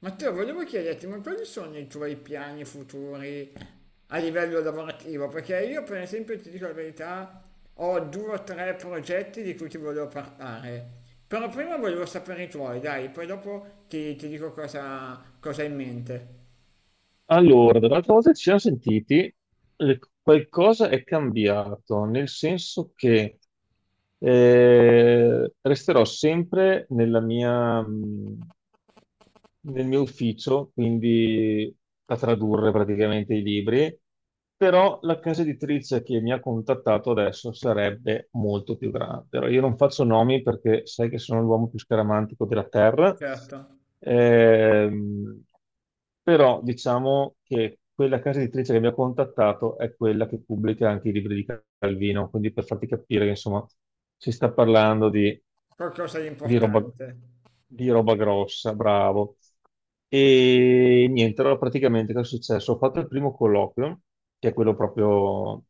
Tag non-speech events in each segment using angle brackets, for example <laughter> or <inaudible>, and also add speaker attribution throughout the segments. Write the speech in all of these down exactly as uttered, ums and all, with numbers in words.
Speaker 1: Matteo, volevo chiederti, ma quali sono i tuoi piani futuri a livello lavorativo? Perché io, per esempio, ti dico la verità, ho due o tre progetti di cui ti volevo parlare. Però prima volevo sapere i tuoi, dai, poi dopo ti, ti dico cosa, cosa hai in mente.
Speaker 2: Allora, dall'altra volta che ci siamo sentiti, le- qualcosa è cambiato, nel senso che eh, resterò sempre nella mia, mh, nel mio ufficio, quindi a tradurre praticamente i libri, però la casa editrice che mi ha contattato adesso sarebbe molto più grande. Allora, io non faccio nomi perché sai che sono l'uomo più scaramantico della terra,
Speaker 1: Certo,
Speaker 2: ehm, però diciamo che quella casa editrice che mi ha contattato è quella che pubblica anche i libri di Calvino, quindi per farti capire che insomma si sta parlando di
Speaker 1: qualcosa di
Speaker 2: di roba,
Speaker 1: importante.
Speaker 2: di roba grossa, bravo. E niente, allora praticamente cosa è successo? Ho fatto il primo colloquio, che è quello proprio,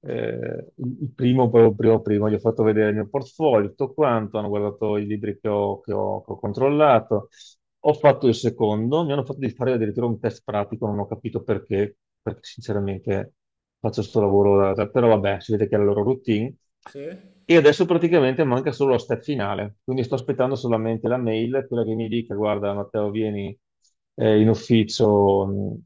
Speaker 2: eh, il il primo, proprio primo, primo, gli ho fatto vedere il mio portfolio, tutto quanto, hanno guardato i libri che ho, che ho- che ho controllato. Ho fatto il secondo, mi hanno fatto di fare addirittura un test pratico, non ho capito perché, perché sinceramente faccio questo lavoro, da- da- però vabbè, si vede che è la loro routine.
Speaker 1: Sì?
Speaker 2: E adesso praticamente manca solo la step finale, quindi sto aspettando solamente la mail, quella che mi dica, guarda Matteo, vieni eh, in ufficio mh,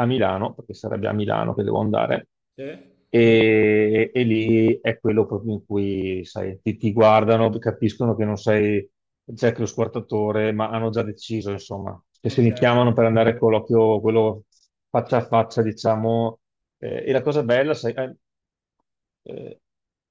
Speaker 2: a Milano, perché sarebbe a Milano che devo andare,
Speaker 1: Sì?
Speaker 2: e, e lì è quello proprio in cui, sai, ti, ti guardano, capiscono che non sei Jack lo squartatore, ma hanno già deciso, insomma, che se
Speaker 1: Ok.
Speaker 2: li chiamano per andare a colloquio, quello faccia a faccia, diciamo eh, e la cosa bella, sai, eh, eh,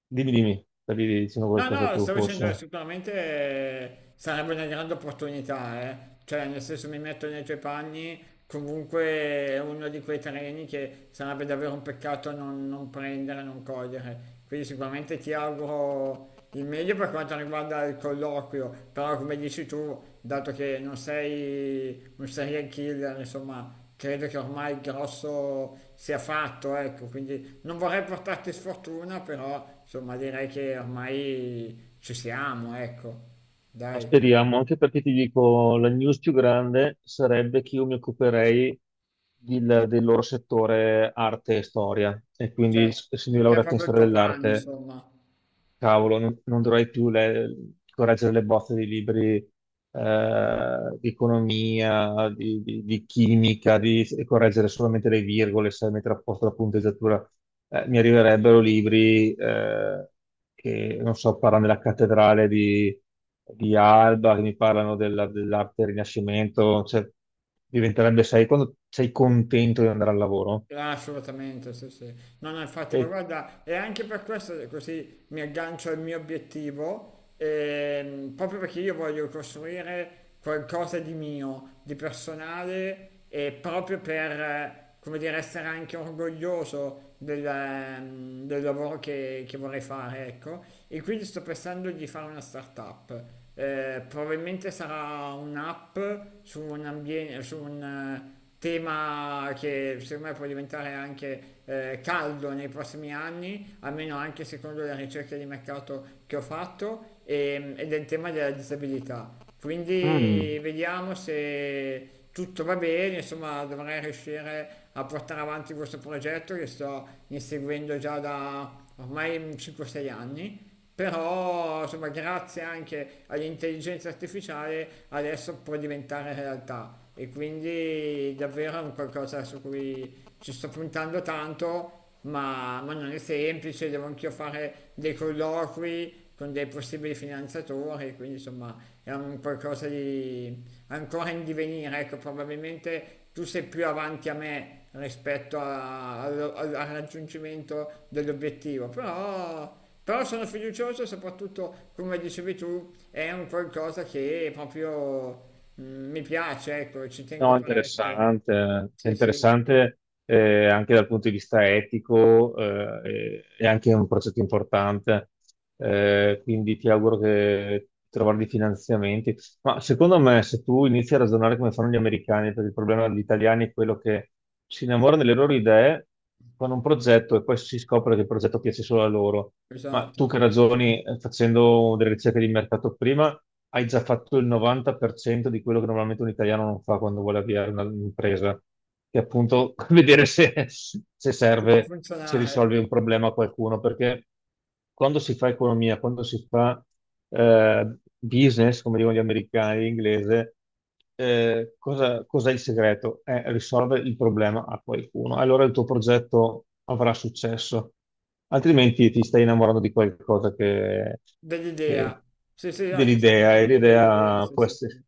Speaker 2: dimmi, dimmi, stavi dicendo
Speaker 1: No,
Speaker 2: qualcosa
Speaker 1: no,
Speaker 2: tu
Speaker 1: stavo dicendo, eh,
Speaker 2: forse.
Speaker 1: sicuramente, eh, sarebbe una grande opportunità, eh. Cioè, nel senso mi metto nei tuoi panni, comunque è uno di quei treni che sarebbe davvero un peccato non, non prendere, non cogliere. Quindi sicuramente ti auguro il meglio per quanto riguarda il colloquio, però come dici tu, dato che non sei un serial killer, insomma, credo che ormai il grosso sia fatto, ecco, quindi non vorrei portarti sfortuna, però insomma direi che ormai ci siamo, ecco,
Speaker 2: Ma
Speaker 1: dai,
Speaker 2: speriamo, anche perché ti dico, la news più grande sarebbe che io mi occuperei del, del loro settore arte e storia, e quindi
Speaker 1: cioè,
Speaker 2: essendo io
Speaker 1: che è
Speaker 2: laureato in
Speaker 1: proprio il
Speaker 2: storia
Speaker 1: tuo pane,
Speaker 2: dell'arte.
Speaker 1: insomma.
Speaker 2: Cavolo, non, non dovrai più le- correggere le bozze di libri eh, di economia, di, di- di chimica, di e correggere solamente le virgole, sai, mettere a posto la punteggiatura. Eh, mi arriverebbero libri eh, che, non so, parlano della cattedrale di, di Alba, che mi parlano della- dell'arte del Rinascimento. Cioè, diventerebbe, sai, quando sei contento di andare al lavoro
Speaker 1: Ah, assolutamente, sì, sì. No, no, infatti, ma
Speaker 2: e.
Speaker 1: guarda, è anche per questo che così mi aggancio al mio obiettivo, ehm, proprio perché io voglio costruire qualcosa di mio, di personale, e proprio per, eh, come dire, essere anche orgoglioso del, ehm, del lavoro che, che vorrei fare, ecco. E quindi sto pensando di fare una startup. Eh, probabilmente sarà un'app su un ambiente, su un eh, tema che secondo me può diventare anche, eh, caldo nei prossimi anni, almeno anche secondo le ricerche di mercato che ho fatto, e- ed è il tema della disabilità.
Speaker 2: Mm.
Speaker 1: Quindi vediamo se tutto va bene, insomma dovrei riuscire a portare avanti questo progetto che sto inseguendo già da ormai cinque sei anni, però insomma grazie anche all'intelligenza artificiale adesso può diventare realtà e quindi davvero è un qualcosa su cui ci sto puntando tanto, ma, ma non è semplice, devo anch'io fare dei colloqui con dei possibili finanziatori, quindi insomma è un qualcosa di ancora in divenire, ecco, probabilmente tu sei più avanti a me rispetto a- allo- al, al raggiungimento dell'obiettivo, però, però sono fiducioso e soprattutto, come dicevi tu, è un qualcosa che proprio mm, mi piace, ecco, ci tengo
Speaker 2: No,
Speaker 1: parecchio.
Speaker 2: interessante. Cioè,
Speaker 1: Sì, sì,
Speaker 2: interessante eh, anche dal punto di vista etico, eh, e, e anche un progetto importante. Eh, quindi ti auguro che trovare dei finanziamenti. Ma secondo me, se tu inizi a ragionare come fanno gli americani, perché il problema degli italiani è quello che si innamorano delle loro idee, fanno un progetto e poi si scopre che il progetto piace solo a loro. Ma
Speaker 1: esatto,
Speaker 2: tu che ragioni, eh, facendo delle ricerche di mercato prima, hai già fatto il novanta per cento di quello che normalmente un italiano non fa quando vuole avviare una- un'impresa, che è appunto <laughs> vedere se, se
Speaker 1: se può
Speaker 2: serve, se
Speaker 1: funzionare,
Speaker 2: risolve un problema a qualcuno, perché quando si fa economia, quando si fa eh, business, come dicono gli americani in inglese, eh, cosa- cos'è il segreto? È risolvere il problema a qualcuno. Allora il tuo progetto avrà successo, altrimenti ti stai innamorando di qualcosa che,
Speaker 1: dell'idea.
Speaker 2: che-
Speaker 1: Sì, sì, no, ti stai
Speaker 2: dell'idea e
Speaker 1: innamorando dell'idea,
Speaker 2: l'idea
Speaker 1: sì,
Speaker 2: può
Speaker 1: sì, sì.
Speaker 2: essere.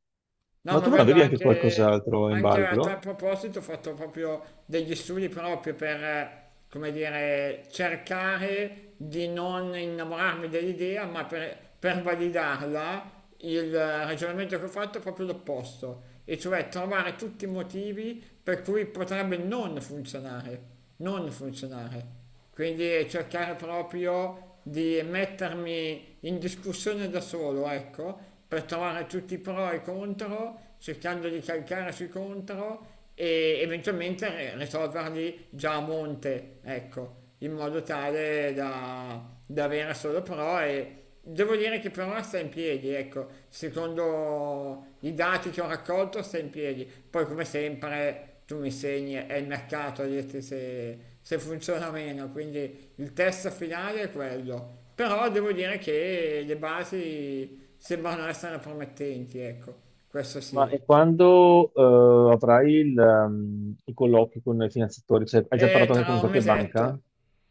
Speaker 1: No,
Speaker 2: Ma
Speaker 1: ma
Speaker 2: tu non
Speaker 1: guarda,
Speaker 2: avevi anche
Speaker 1: anche,
Speaker 2: qualcos'altro in
Speaker 1: anche a tal
Speaker 2: ballo?
Speaker 1: proposito ho fatto proprio degli studi proprio per, eh, come dire, cercare di non innamorarmi dell'idea, ma per, per validarla. Il, eh, ragionamento che ho fatto è proprio l'opposto, e cioè trovare tutti i motivi per cui potrebbe non funzionare, non funzionare, quindi cercare proprio di mettermi in discussione da solo, ecco, per trovare tutti i pro e i contro, cercando di calcare sui contro e eventualmente ri- risolverli già a monte, ecco, in modo tale da, da avere solo pro. E devo dire che per ora sta in piedi, ecco, secondo i dati che ho raccolto sta in piedi, poi come sempre tu mi segni, è il mercato a dirti se, se funziona o meno, quindi il test finale è quello. Però devo dire che le basi sembrano essere promettenti, ecco, questo
Speaker 2: Ma
Speaker 1: sì.
Speaker 2: e quando eh, avrai il, ehm, i colloqui con i finanziatori? Cioè, hai già
Speaker 1: E
Speaker 2: parlato anche
Speaker 1: tra
Speaker 2: con
Speaker 1: un
Speaker 2: qualche banca?
Speaker 1: mesetto,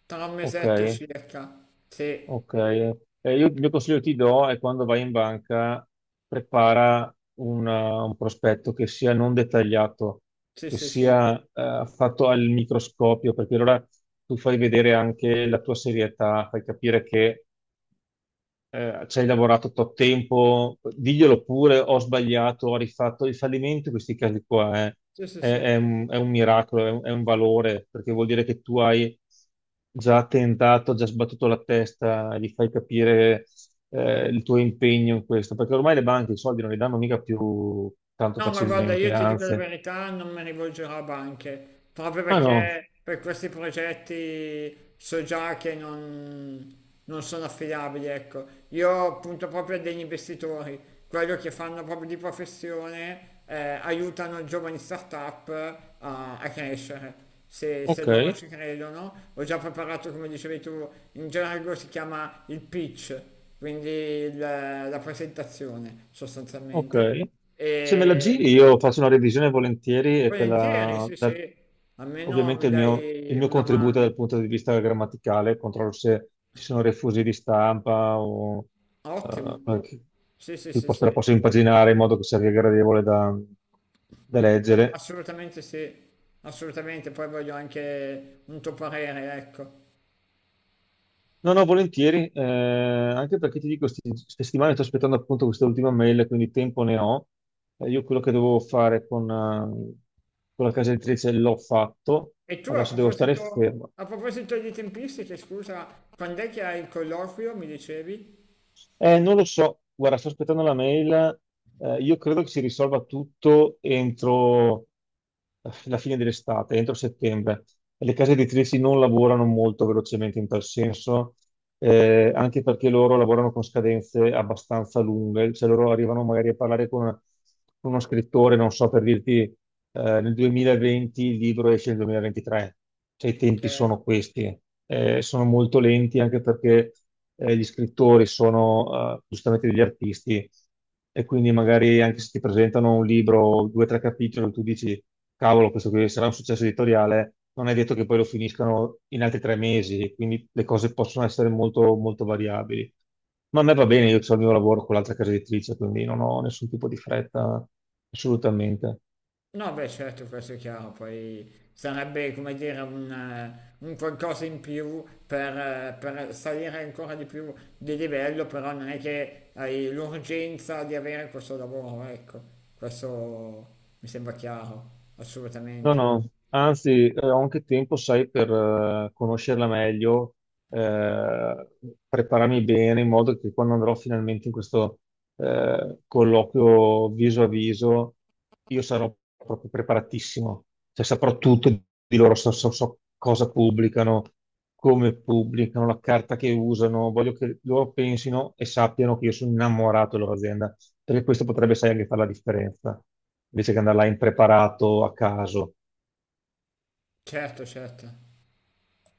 Speaker 1: tra un mesetto
Speaker 2: Ok.
Speaker 1: circa, sì,
Speaker 2: Ok. Eh, io il mio consiglio che ti do è quando vai in banca, prepara una- un prospetto che sia non dettagliato,
Speaker 1: sì,
Speaker 2: che
Speaker 1: sì, sì,
Speaker 2: sia eh, fatto al microscopio, perché allora tu fai vedere anche la tua serietà, fai capire che eh, ci hai lavorato tot tempo, diglielo pure, ho sbagliato, ho rifatto il fallimento, in questi casi qua è,
Speaker 1: sì, sì,
Speaker 2: è-
Speaker 1: sì.
Speaker 2: è un, è un miracolo, è un, è un valore, perché vuol dire che tu hai già tentato, già sbattuto la testa, e gli fai capire eh, il tuo impegno in questo, perché ormai le banche i soldi non li danno mica più tanto
Speaker 1: No, ma guarda,
Speaker 2: facilmente,
Speaker 1: io ti dico la
Speaker 2: anzi,
Speaker 1: verità, non mi rivolgerò a banche, proprio
Speaker 2: ah no,
Speaker 1: perché per questi progetti so già che non, non sono affidabili, ecco. Io punto proprio a degli investitori, quello che fanno proprio di professione, eh, aiutano giovani startup a, a crescere. Se, se
Speaker 2: ok.
Speaker 1: loro ci credono, ho già preparato, come dicevi tu, in gergo si chiama il pitch, quindi il- la presentazione
Speaker 2: Ok,
Speaker 1: sostanzialmente.
Speaker 2: se me la
Speaker 1: E
Speaker 2: giri io faccio una revisione volentieri e te
Speaker 1: volentieri,
Speaker 2: la...
Speaker 1: sì, sì,
Speaker 2: da-
Speaker 1: almeno
Speaker 2: Ovviamente
Speaker 1: mi
Speaker 2: il mio, il
Speaker 1: dai
Speaker 2: mio
Speaker 1: una
Speaker 2: contributo dal
Speaker 1: mano.
Speaker 2: punto di vista grammaticale, controllo se ci sono refusi di stampa o eh,
Speaker 1: Ottimo.
Speaker 2: qualche-
Speaker 1: Sì, sì,
Speaker 2: che
Speaker 1: sì,
Speaker 2: posso-
Speaker 1: sì,
Speaker 2: la posso impaginare in modo che sia gradevole da, da leggere.
Speaker 1: assolutamente sì, assolutamente. Poi voglio anche un tuo parere, ecco.
Speaker 2: No, no, volentieri, eh, anche perché ti dico, sti- queste settimane sto aspettando appunto questa ultima mail, quindi tempo ne ho. Eh, io quello che dovevo fare con, eh, con la casa editrice l'ho fatto,
Speaker 1: E tu a
Speaker 2: adesso devo stare
Speaker 1: proposito,
Speaker 2: fermo.
Speaker 1: a proposito di tempistiche, scusa, quando è che hai il colloquio, mi dicevi?
Speaker 2: Eh, non lo so, guarda, sto aspettando la mail. Eh, io credo che si risolva tutto entro eh, la fine dell'estate, entro settembre. Le case editrici non lavorano molto velocemente in tal senso, eh, anche perché loro lavorano con scadenze abbastanza lunghe, cioè loro arrivano magari a parlare con, con uno scrittore, non so per dirti eh, nel duemilaventi il libro esce nel duemilaventitré, cioè i tempi
Speaker 1: Ok.
Speaker 2: sono questi. Eh, sono molto lenti anche perché eh, gli scrittori sono eh, giustamente degli artisti e quindi magari anche se ti presentano un libro, due o tre capitoli, tu dici, cavolo, questo qui sarà un successo editoriale, non è detto che poi lo finiscano in altri tre mesi, e quindi le cose possono essere molto, molto variabili. Ma a me va bene, io ho il mio lavoro con l'altra casa editrice, quindi non ho nessun tipo di fretta, assolutamente.
Speaker 1: No, beh, certo, questo è chiaro, poi sarebbe, come dire, un, eh, un qualcosa in più per, eh, per salire ancora di più di livello, però non è che hai l'urgenza di avere questo lavoro, ecco, questo mi sembra chiaro,
Speaker 2: No,
Speaker 1: assolutamente.
Speaker 2: no, anzi, eh, ho anche tempo, sai, per eh, conoscerla meglio, eh, prepararmi bene in modo che quando andrò finalmente in questo eh, colloquio viso a viso, io sarò proprio preparatissimo, cioè saprò tutto di loro, so, so- so cosa pubblicano, come pubblicano, la carta che usano, voglio che loro pensino e sappiano che io sono innamorato della loro azienda, perché questo potrebbe, sai, anche fare la differenza invece che andare là impreparato a caso.
Speaker 1: Certo, certo.